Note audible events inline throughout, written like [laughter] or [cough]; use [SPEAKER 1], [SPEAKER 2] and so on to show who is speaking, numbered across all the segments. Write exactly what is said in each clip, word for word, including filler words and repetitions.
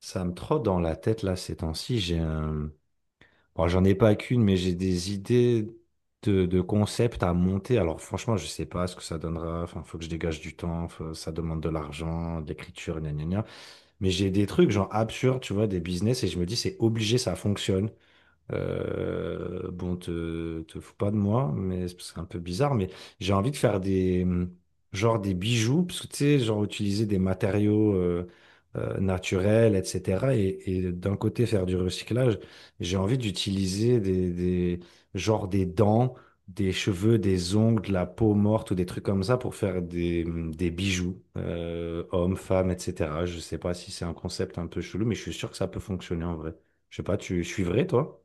[SPEAKER 1] Ça me trotte dans la tête là ces temps-ci. J'ai un... bon, j'en ai pas qu'une, mais j'ai des idées de, de concepts à monter. Alors franchement, je sais pas ce que ça donnera. Enfin, faut que je dégage du temps. faut- Ça demande de l'argent, de l'écriture, gna gna gna. Mais j'ai des trucs genre absurdes, tu vois, des business et je me dis c'est obligé, ça fonctionne. Euh, bon, te, te fous pas de moi, mais c'est parce que c'est un peu bizarre, mais j'ai envie de faire des, mm, genre des bijoux, parce que tu sais, genre utiliser des matériaux euh, euh, naturels, et cetera. Et, et d'un côté faire du recyclage, j'ai envie d'utiliser des, des, genre des dents, des cheveux, des ongles, de la peau morte ou des trucs comme ça pour faire des, mm, des bijoux, euh, hommes, femmes, et cetera. Je sais pas si c'est un concept un peu chelou, mais je suis sûr que ça peut fonctionner en vrai. Je sais pas, tu suivrais, toi?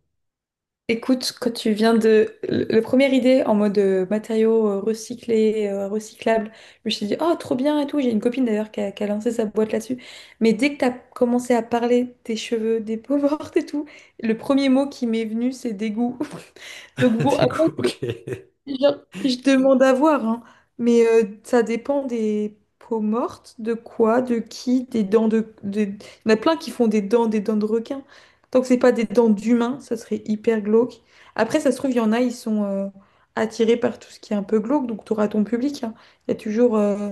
[SPEAKER 2] Écoute, quand tu viens de... le- La première idée en mode euh, matériaux euh, recyclés, euh, recyclables, je me suis dit, oh, trop bien et tout. J'ai une copine d'ailleurs qui a, qui a lancé sa boîte là-dessus. Mais dès que tu as commencé à parler des cheveux, des peaux [laughs] mortes et tout, le premier mot qui m'est venu, c'est dégoût. [laughs]
[SPEAKER 1] [laughs]
[SPEAKER 2] Donc bon,
[SPEAKER 1] Des
[SPEAKER 2] après,
[SPEAKER 1] goûts, ok. [laughs]
[SPEAKER 2] genre, je demande à voir, hein. Mais euh, ça dépend des peaux mortes, de quoi, de qui, des dents de, des- Il y en a plein qui font des dents, des dents de requin. Tant que c'est pas des dents d'humain, ça serait hyper glauque. Après, ça se trouve, il y en a, ils sont euh, attirés par tout ce qui est un peu glauque, donc tu auras ton public, hein. Il y a toujours euh,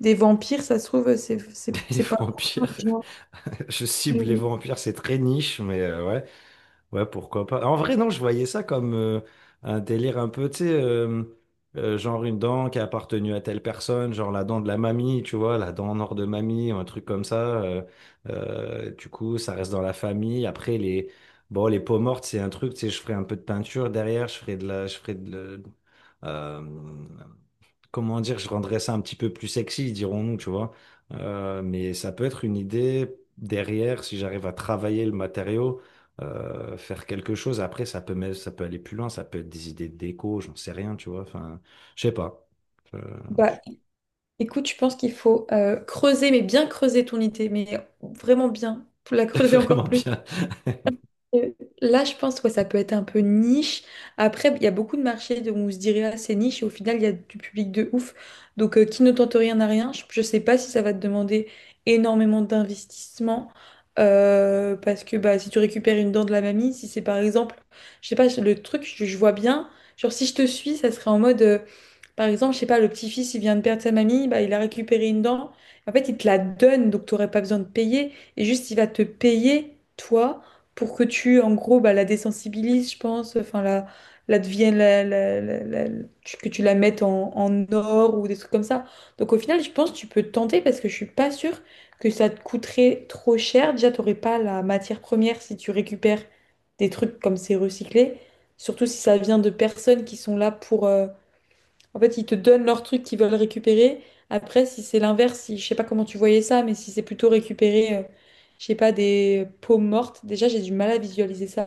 [SPEAKER 2] des vampires, ça se trouve, euh, c'est c'est-
[SPEAKER 1] Les
[SPEAKER 2] c'est pas...
[SPEAKER 1] vampires.
[SPEAKER 2] les gens-
[SPEAKER 1] [laughs] Je cible les
[SPEAKER 2] les-
[SPEAKER 1] vampires, c'est très niche, mais euh, ouais, ouais, pourquoi pas. En vrai, non, je voyais ça comme euh, un délire un peu, tu sais, euh, euh, genre une dent qui a appartenu à telle personne, genre la dent de la mamie, tu vois, la dent en or de mamie, ou un truc comme ça. euh, euh, du coup, ça reste dans la famille. Après, les, bon, les peaux mortes, c'est un truc, tu sais, je ferai un peu de peinture derrière, je ferai de la, je ferai de, la- euh, comment dire, je rendrais ça un petit peu plus sexy, dirons-nous, tu vois. Euh, mais ça peut être une idée derrière, si j'arrive à travailler le matériau, euh, faire quelque chose. Après, ça peut, même- ça peut aller plus loin, ça peut être des idées de déco, j'en sais rien, tu vois. Enfin, je sais pas. Euh,
[SPEAKER 2] Bah,
[SPEAKER 1] je-
[SPEAKER 2] écoute, je pense qu'il faut euh, creuser, mais bien creuser ton idée, mais vraiment bien, pour la
[SPEAKER 1] [laughs]
[SPEAKER 2] creuser encore
[SPEAKER 1] Vraiment
[SPEAKER 2] plus.
[SPEAKER 1] bien. [laughs]
[SPEAKER 2] Euh, Là, je pense que ça peut être un peu niche. Après, il y a beaucoup de marchés de- où on se dirait ah, c'est niche et au final, il y a du public de ouf. Donc, euh, qui ne tente rien n'a rien. Je ne sais pas si ça va te demander énormément d'investissement, euh, parce que bah, si tu récupères une dent de la mamie, si c'est par exemple, je sais pas, le truc, je, je vois bien, genre si je te suis, ça serait en mode. Euh, par exemple, je sais pas, le petit-fils, il vient de perdre sa mamie, bah, il a récupéré une dent. En fait, il te la donne, donc tu n'aurais pas besoin de payer. Et juste, il va te payer, toi, pour que tu, en gros, bah, la désensibilises, je pense, enfin, la, la devienne, la- la- la- la- la- tu- que tu la mettes en, en or ou des trucs comme ça. Donc, au final, je pense que tu peux te tenter parce que je suis pas sûre que ça te coûterait trop cher. Déjà, tu n'aurais pas la matière première si tu récupères des trucs comme c'est recyclé. Surtout si ça vient de personnes qui sont là pour... euh, en fait, ils te donnent leur truc qu'ils veulent récupérer. Après, si c'est l'inverse, si, je sais pas comment tu voyais ça, mais si c'est plutôt récupérer, euh, je sais pas, des peaux mortes, déjà j'ai du mal à visualiser ça,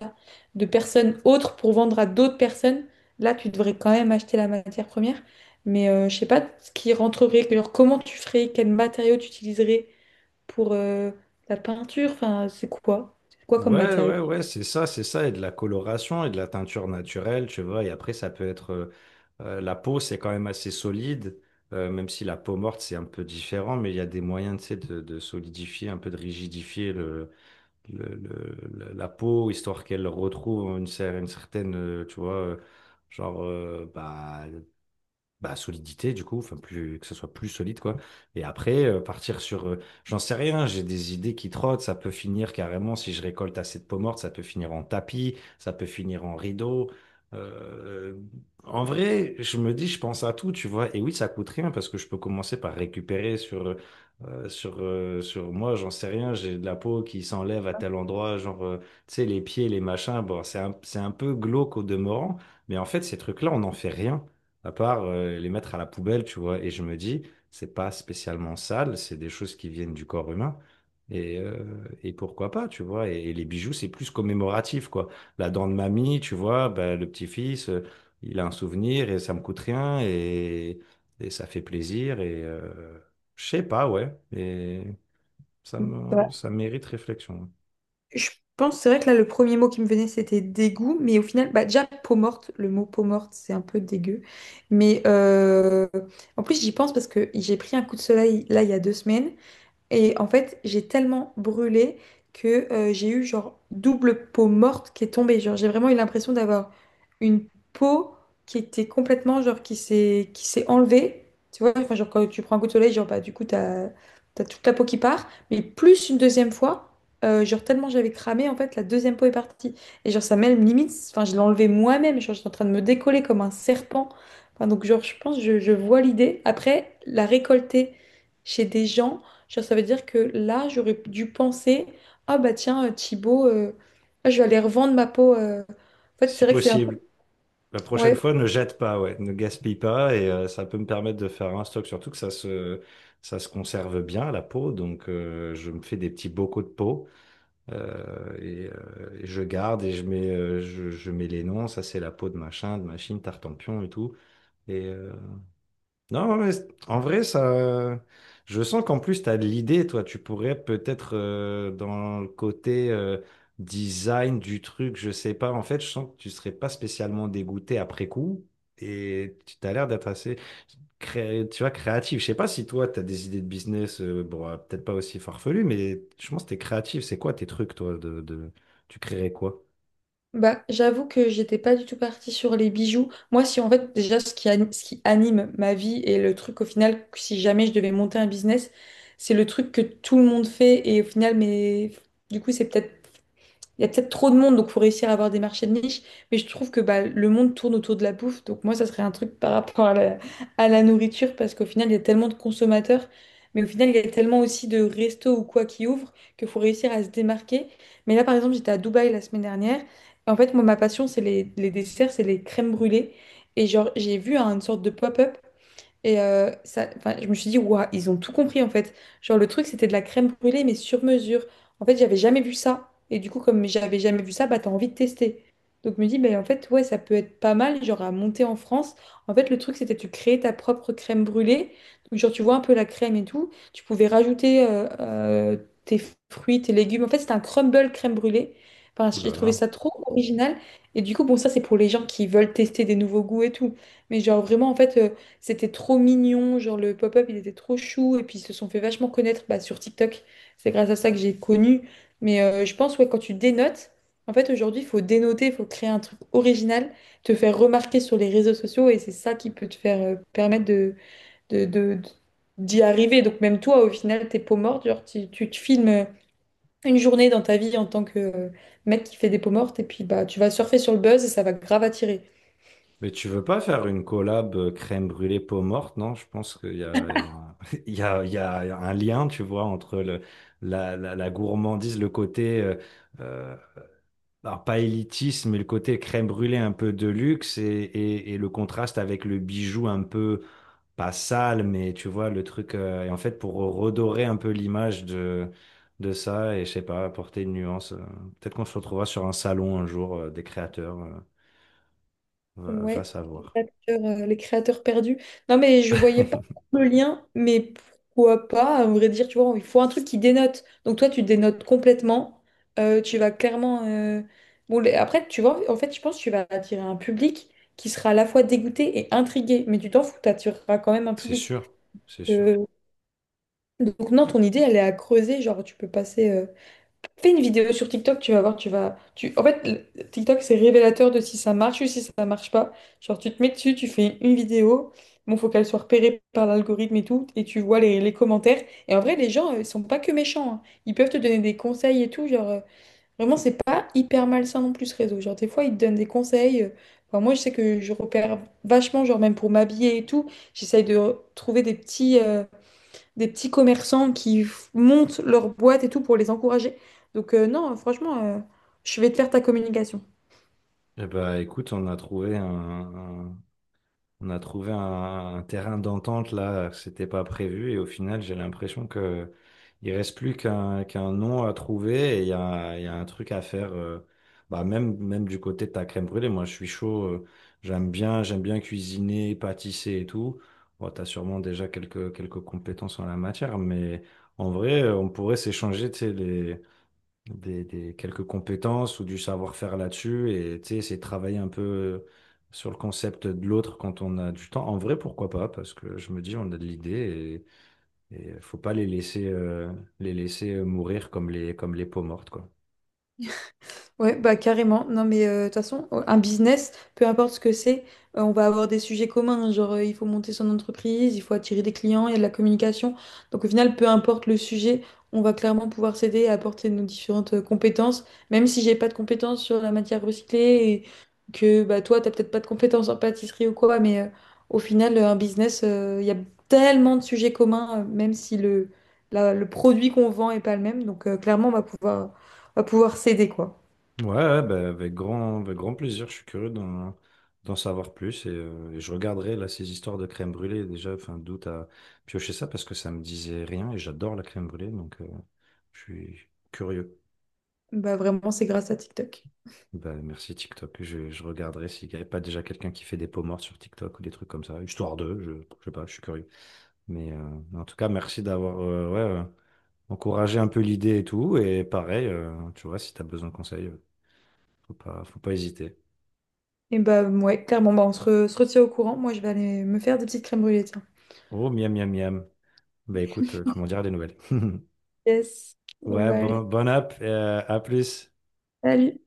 [SPEAKER 2] de personnes autres pour vendre à d'autres personnes, là tu devrais quand même acheter la matière première. Mais euh, je sais pas ce qui rentrerait, genre, comment tu ferais, quels matériaux tu utiliserais pour euh, la peinture, enfin c'est quoi? C'est quoi comme
[SPEAKER 1] Ouais,
[SPEAKER 2] matériau?
[SPEAKER 1] ouais, ouais, c'est ça, c'est ça, et de la coloration et de la teinture naturelle, tu vois, et après ça peut être, euh, euh, la peau c'est quand même assez solide, euh, même si la peau morte c'est un peu différent, mais il y a des moyens, tu sais, de, de solidifier, un peu de rigidifier le, le, le- le- la peau, histoire qu'elle retrouve une, cer- une certaine, euh, tu vois, euh, genre, euh, bah, bah, solidité du coup, enfin plus que ce soit plus solide quoi. Et après euh, partir sur, euh, j'en sais rien, j'ai des idées qui trottent, ça peut finir carrément si je récolte assez de peaux mortes, ça peut finir en tapis, ça peut finir en rideau. Euh, en vrai, je me dis, je pense à tout, tu vois. Et oui, ça coûte rien parce que je peux commencer par récupérer sur euh, euh, sur euh, sur moi, j'en sais rien, j'ai de la peau qui s'enlève à tel endroit, genre euh, tu sais les pieds, les machins. Bon, c'est un c'est un peu glauque au demeurant, mais en fait ces trucs-là, on n'en fait rien à part euh, les mettre à la poubelle, tu vois. Et je me dis, c'est pas spécialement sale, c'est des choses qui viennent du corps humain. Et, euh, et pourquoi pas, tu vois. Et, et les bijoux, c'est plus commémoratif, quoi. La dent de mamie, tu vois, bah, le petit-fils, euh, il a un souvenir et ça me coûte rien et, et ça fait plaisir. Et euh, je sais pas, ouais. Et ça me, ça mérite réflexion,
[SPEAKER 2] Je pense, c'est vrai que là, le premier mot qui me venait, c'était dégoût, mais au final, bah, déjà, peau morte, le mot peau morte, c'est un peu dégueu. Mais euh, en plus, j'y pense parce que j'ai pris un coup de soleil là, il y a deux semaines, et en fait, j'ai tellement brûlé que euh, j'ai eu genre double peau morte qui est tombée. Genre, j'ai vraiment eu l'impression d'avoir une peau qui était complètement genre qui s'est qui s'est enlevée. Tu vois, enfin, genre quand tu prends un coup de soleil, genre bah du coup t'as t'as toute la peau qui part, mais plus une deuxième fois. euh, genre tellement j'avais cramé en fait la deuxième peau est partie et genre ça même limite enfin je l'ai enlevée moi-même genre j'étais en train de me décoller comme un serpent. Enfin, donc genre je pense je, je vois l'idée après la récolter chez des gens. Genre, ça veut dire que là, j'aurais dû penser, ah bah tiens, euh, Thibaut, euh, ah, je vais aller revendre ma peau. euh. En fait,
[SPEAKER 1] si
[SPEAKER 2] c'est vrai que c'est un... peu-
[SPEAKER 1] possible. La prochaine
[SPEAKER 2] Ouais,
[SPEAKER 1] fois, ne jette pas, ouais, ne gaspille pas et euh, ça peut me permettre de faire un stock, surtout que ça se, ça se conserve bien la peau, donc euh, je me fais des petits bocaux de peau euh, et, euh, et je garde et je mets, euh, je, je mets les noms, ça c'est la peau de machin, de machine, tartempion et tout, et, euh, non, mais c'est- en vrai, ça. Je sens qu'en plus, tu as de l'idée, toi. Tu pourrais peut-être, euh, dans le côté euh, design du truc, je sais pas. En fait, je sens que tu serais pas spécialement dégoûté après coup. Et tu as l'air d'être assez cré- tu vois, créatif. Je sais pas si toi, tu as des idées de business, euh, bon, euh, peut-être pas aussi farfelues, mais je pense que tu es créatif. C'est quoi tes trucs, toi, de, de- Tu créerais quoi?
[SPEAKER 2] bah j'avoue que j'étais pas du tout partie sur les bijoux. Moi, si en fait, déjà, ce qui, ani- ce qui anime ma vie et le truc au final, que si jamais je devais monter un business, c'est le truc que tout le monde fait et au final, mais du coup, c'est peut-être il y a peut-être trop de monde, donc faut réussir à avoir des marchés de niche. Mais je trouve que bah, le monde tourne autour de la bouffe. Donc moi, ça serait un truc par rapport à la, à la nourriture, parce qu'au final, il y a tellement de consommateurs, mais au final, il y a tellement aussi de restos ou quoi qui ouvrent qu'il faut réussir à se démarquer. Mais là, par exemple, j'étais à Dubaï la semaine dernière. Et en fait, moi, ma passion, c'est les, les desserts, c'est les crèmes brûlées. Et genre, j'ai vu hein, une sorte de pop-up. Et euh, ça, enfin, je me suis dit, waouh, ils ont tout compris en fait. Genre, le truc, c'était de la crème brûlée, mais sur mesure. En fait, j'avais jamais vu ça. Et du coup, comme j'avais jamais vu ça, bah, t'as envie de tester. Donc, je me dis, bah, en fait, ouais, ça peut être pas mal, genre, à monter en France. En fait, le truc, c'était tu créais ta propre crème brûlée. Donc, genre, tu vois un peu la crème et tout. Tu pouvais rajouter euh, euh, tes fruits, tes légumes. En fait, c'était un crumble crème brûlée. Enfin,
[SPEAKER 1] Ouh
[SPEAKER 2] j'ai
[SPEAKER 1] là
[SPEAKER 2] trouvé
[SPEAKER 1] là.
[SPEAKER 2] ça trop original. Et du coup, bon, ça, c'est pour les gens qui veulent tester des nouveaux goûts et tout. Mais genre, vraiment, en fait. euh, c'était trop mignon, genre le pop-up, il était trop chou. Et puis ils se sont fait vachement connaître bah, sur TikTok. C'est grâce à ça que j'ai connu. Mais euh, je pense, ouais, quand tu dénotes, en fait, aujourd'hui, il faut dénoter, il faut créer un truc original, te faire remarquer sur les réseaux sociaux. Et c'est ça qui peut te faire euh, permettre de, de, de- de- d'y arriver. Donc même toi, au final, tes peaux mortes, genre tu, tu te filmes euh, une journée dans ta vie en tant que euh, mec qui fait des peaux mortes. Et puis bah, tu vas surfer sur le buzz et ça va grave attirer.
[SPEAKER 1] Mais tu veux pas faire une collab euh, crème brûlée peau morte, non? Je pense qu'il y a, il y a, [laughs] il y a, il y a un lien, tu vois, entre le, la, la, la gourmandise, le côté, euh, euh, alors pas élitisme, mais le côté crème brûlée un peu de luxe et, et, et le contraste avec le bijou un peu, pas sale, mais tu vois, le truc. euh, et en fait, pour redorer un peu l'image de, de ça et je sais pas, apporter une nuance. euh, peut-être qu'on se retrouvera sur un salon un jour, euh, des créateurs, euh, va, va
[SPEAKER 2] Ouais, les
[SPEAKER 1] savoir.
[SPEAKER 2] créateurs, euh, les créateurs perdus. Non, mais je voyais pas le lien, mais pourquoi pas, à vrai dire, tu vois, il faut un truc qui dénote. Donc toi, tu dénotes complètement. Euh, tu vas clairement. euh, Bon, les- après, tu vois, en fait, je pense que tu vas attirer un public qui sera à la fois dégoûté et intrigué, mais tu t'en fous, tu attireras quand même un
[SPEAKER 1] C'est
[SPEAKER 2] public.
[SPEAKER 1] sûr, c'est sûr.
[SPEAKER 2] Euh, Donc non, ton idée, elle est à creuser, genre tu peux passer. euh, Fais une vidéo sur TikTok, tu vas voir, tu vas. Tu... En fait, le- TikTok, c'est révélateur de si ça marche ou si ça marche pas. Genre, tu te mets dessus, tu fais une vidéo. Bon, faut qu'elle soit repérée par l'algorithme et tout, et tu vois les, les commentaires. Et en vrai, les gens, euh, ils sont pas que méchants, hein. Ils peuvent te donner des conseils et tout. Genre, euh, vraiment, c'est pas hyper malsain non plus ce réseau. Genre, des fois, ils te donnent des conseils. euh, Enfin, moi, je sais que je repère vachement, genre, même pour m'habiller et tout, j'essaye de re- trouver des petits. Euh, des petits commerçants qui f- montent leur boîte et tout pour les encourager. Donc euh, non, franchement, euh, je vais te faire ta communication.
[SPEAKER 1] Eh ben, écoute, on a trouvé un, un- on a trouvé un, un terrain d'entente là, c'était pas prévu et au final, j'ai l'impression que il reste plus qu'un qu'un nom à trouver et il y a, il y a un truc à faire. euh, bah même même du côté de ta crème brûlée, moi je suis chaud. euh, j'aime bien, j'aime bien cuisiner, pâtisser et tout. Bon, t'as sûrement déjà quelques quelques compétences en la matière, mais en vrai, on pourrait s'échanger, tu sais, les des, des- quelques compétences ou du savoir-faire là-dessus et tu sais, c'est travailler un peu euh, sur le concept de l'autre quand on a du temps. En vrai, pourquoi pas? Parce que je me dis, on a de l'idée et, et faut pas les laisser, euh, les laisser euh, mourir comme les, comme les peaux mortes, quoi.
[SPEAKER 2] Ouais, bah carrément. Non, mais euh, de toute façon, euh, un business, peu importe ce que c'est, euh, on va avoir des sujets communs, hein. Genre, euh, il faut monter son entreprise, il faut attirer des clients, il y a de la communication. Donc, au final, peu importe le sujet, on va clairement pouvoir s'aider et apporter nos différentes euh, compétences. Même si j'ai pas de compétences sur la matière recyclée et que bah, toi, t'as peut-être pas de compétences en pâtisserie ou quoi, mais euh, au final, euh, un business, euh, il y a tellement de sujets communs, euh, même si le, la- le produit qu'on vend est pas le même. Donc, euh, clairement, on va pouvoir, on va pouvoir s'aider, quoi.
[SPEAKER 1] Ouais, ouais, bah, avec grand, avec grand plaisir. Je suis curieux d'en, d'en savoir plus et, euh, et je regarderai là ces histoires de crème brûlée déjà. Enfin, d'où t'as pioché ça parce que ça me disait rien et j'adore la crème brûlée donc euh, je suis curieux.
[SPEAKER 2] Bah vraiment, c'est grâce à TikTok.
[SPEAKER 1] Ben, merci TikTok. Je, je regarderai s'il n'y avait pas déjà quelqu'un qui fait des peaux mortes sur TikTok ou des trucs comme ça, histoire de, je, je sais pas, je suis curieux. Mais euh, en tout cas, merci d'avoir euh, ouais, euh, encouragé un peu l'idée et tout. Et pareil, euh, tu vois, si tu as besoin de conseils, euh, faut pas, faut pas hésiter.
[SPEAKER 2] Et bah ouais, clairement, bah on se, re- se retient au courant. Moi, je vais aller me faire des petites crèmes brûlées, tiens.
[SPEAKER 1] Oh, miam, miam, miam. Ben écoute, euh, tu m'en diras des nouvelles. [laughs]
[SPEAKER 2] Yes. On
[SPEAKER 1] Ouais,
[SPEAKER 2] va aller.
[SPEAKER 1] bon, bon app, et, euh, à plus.
[SPEAKER 2] Salut.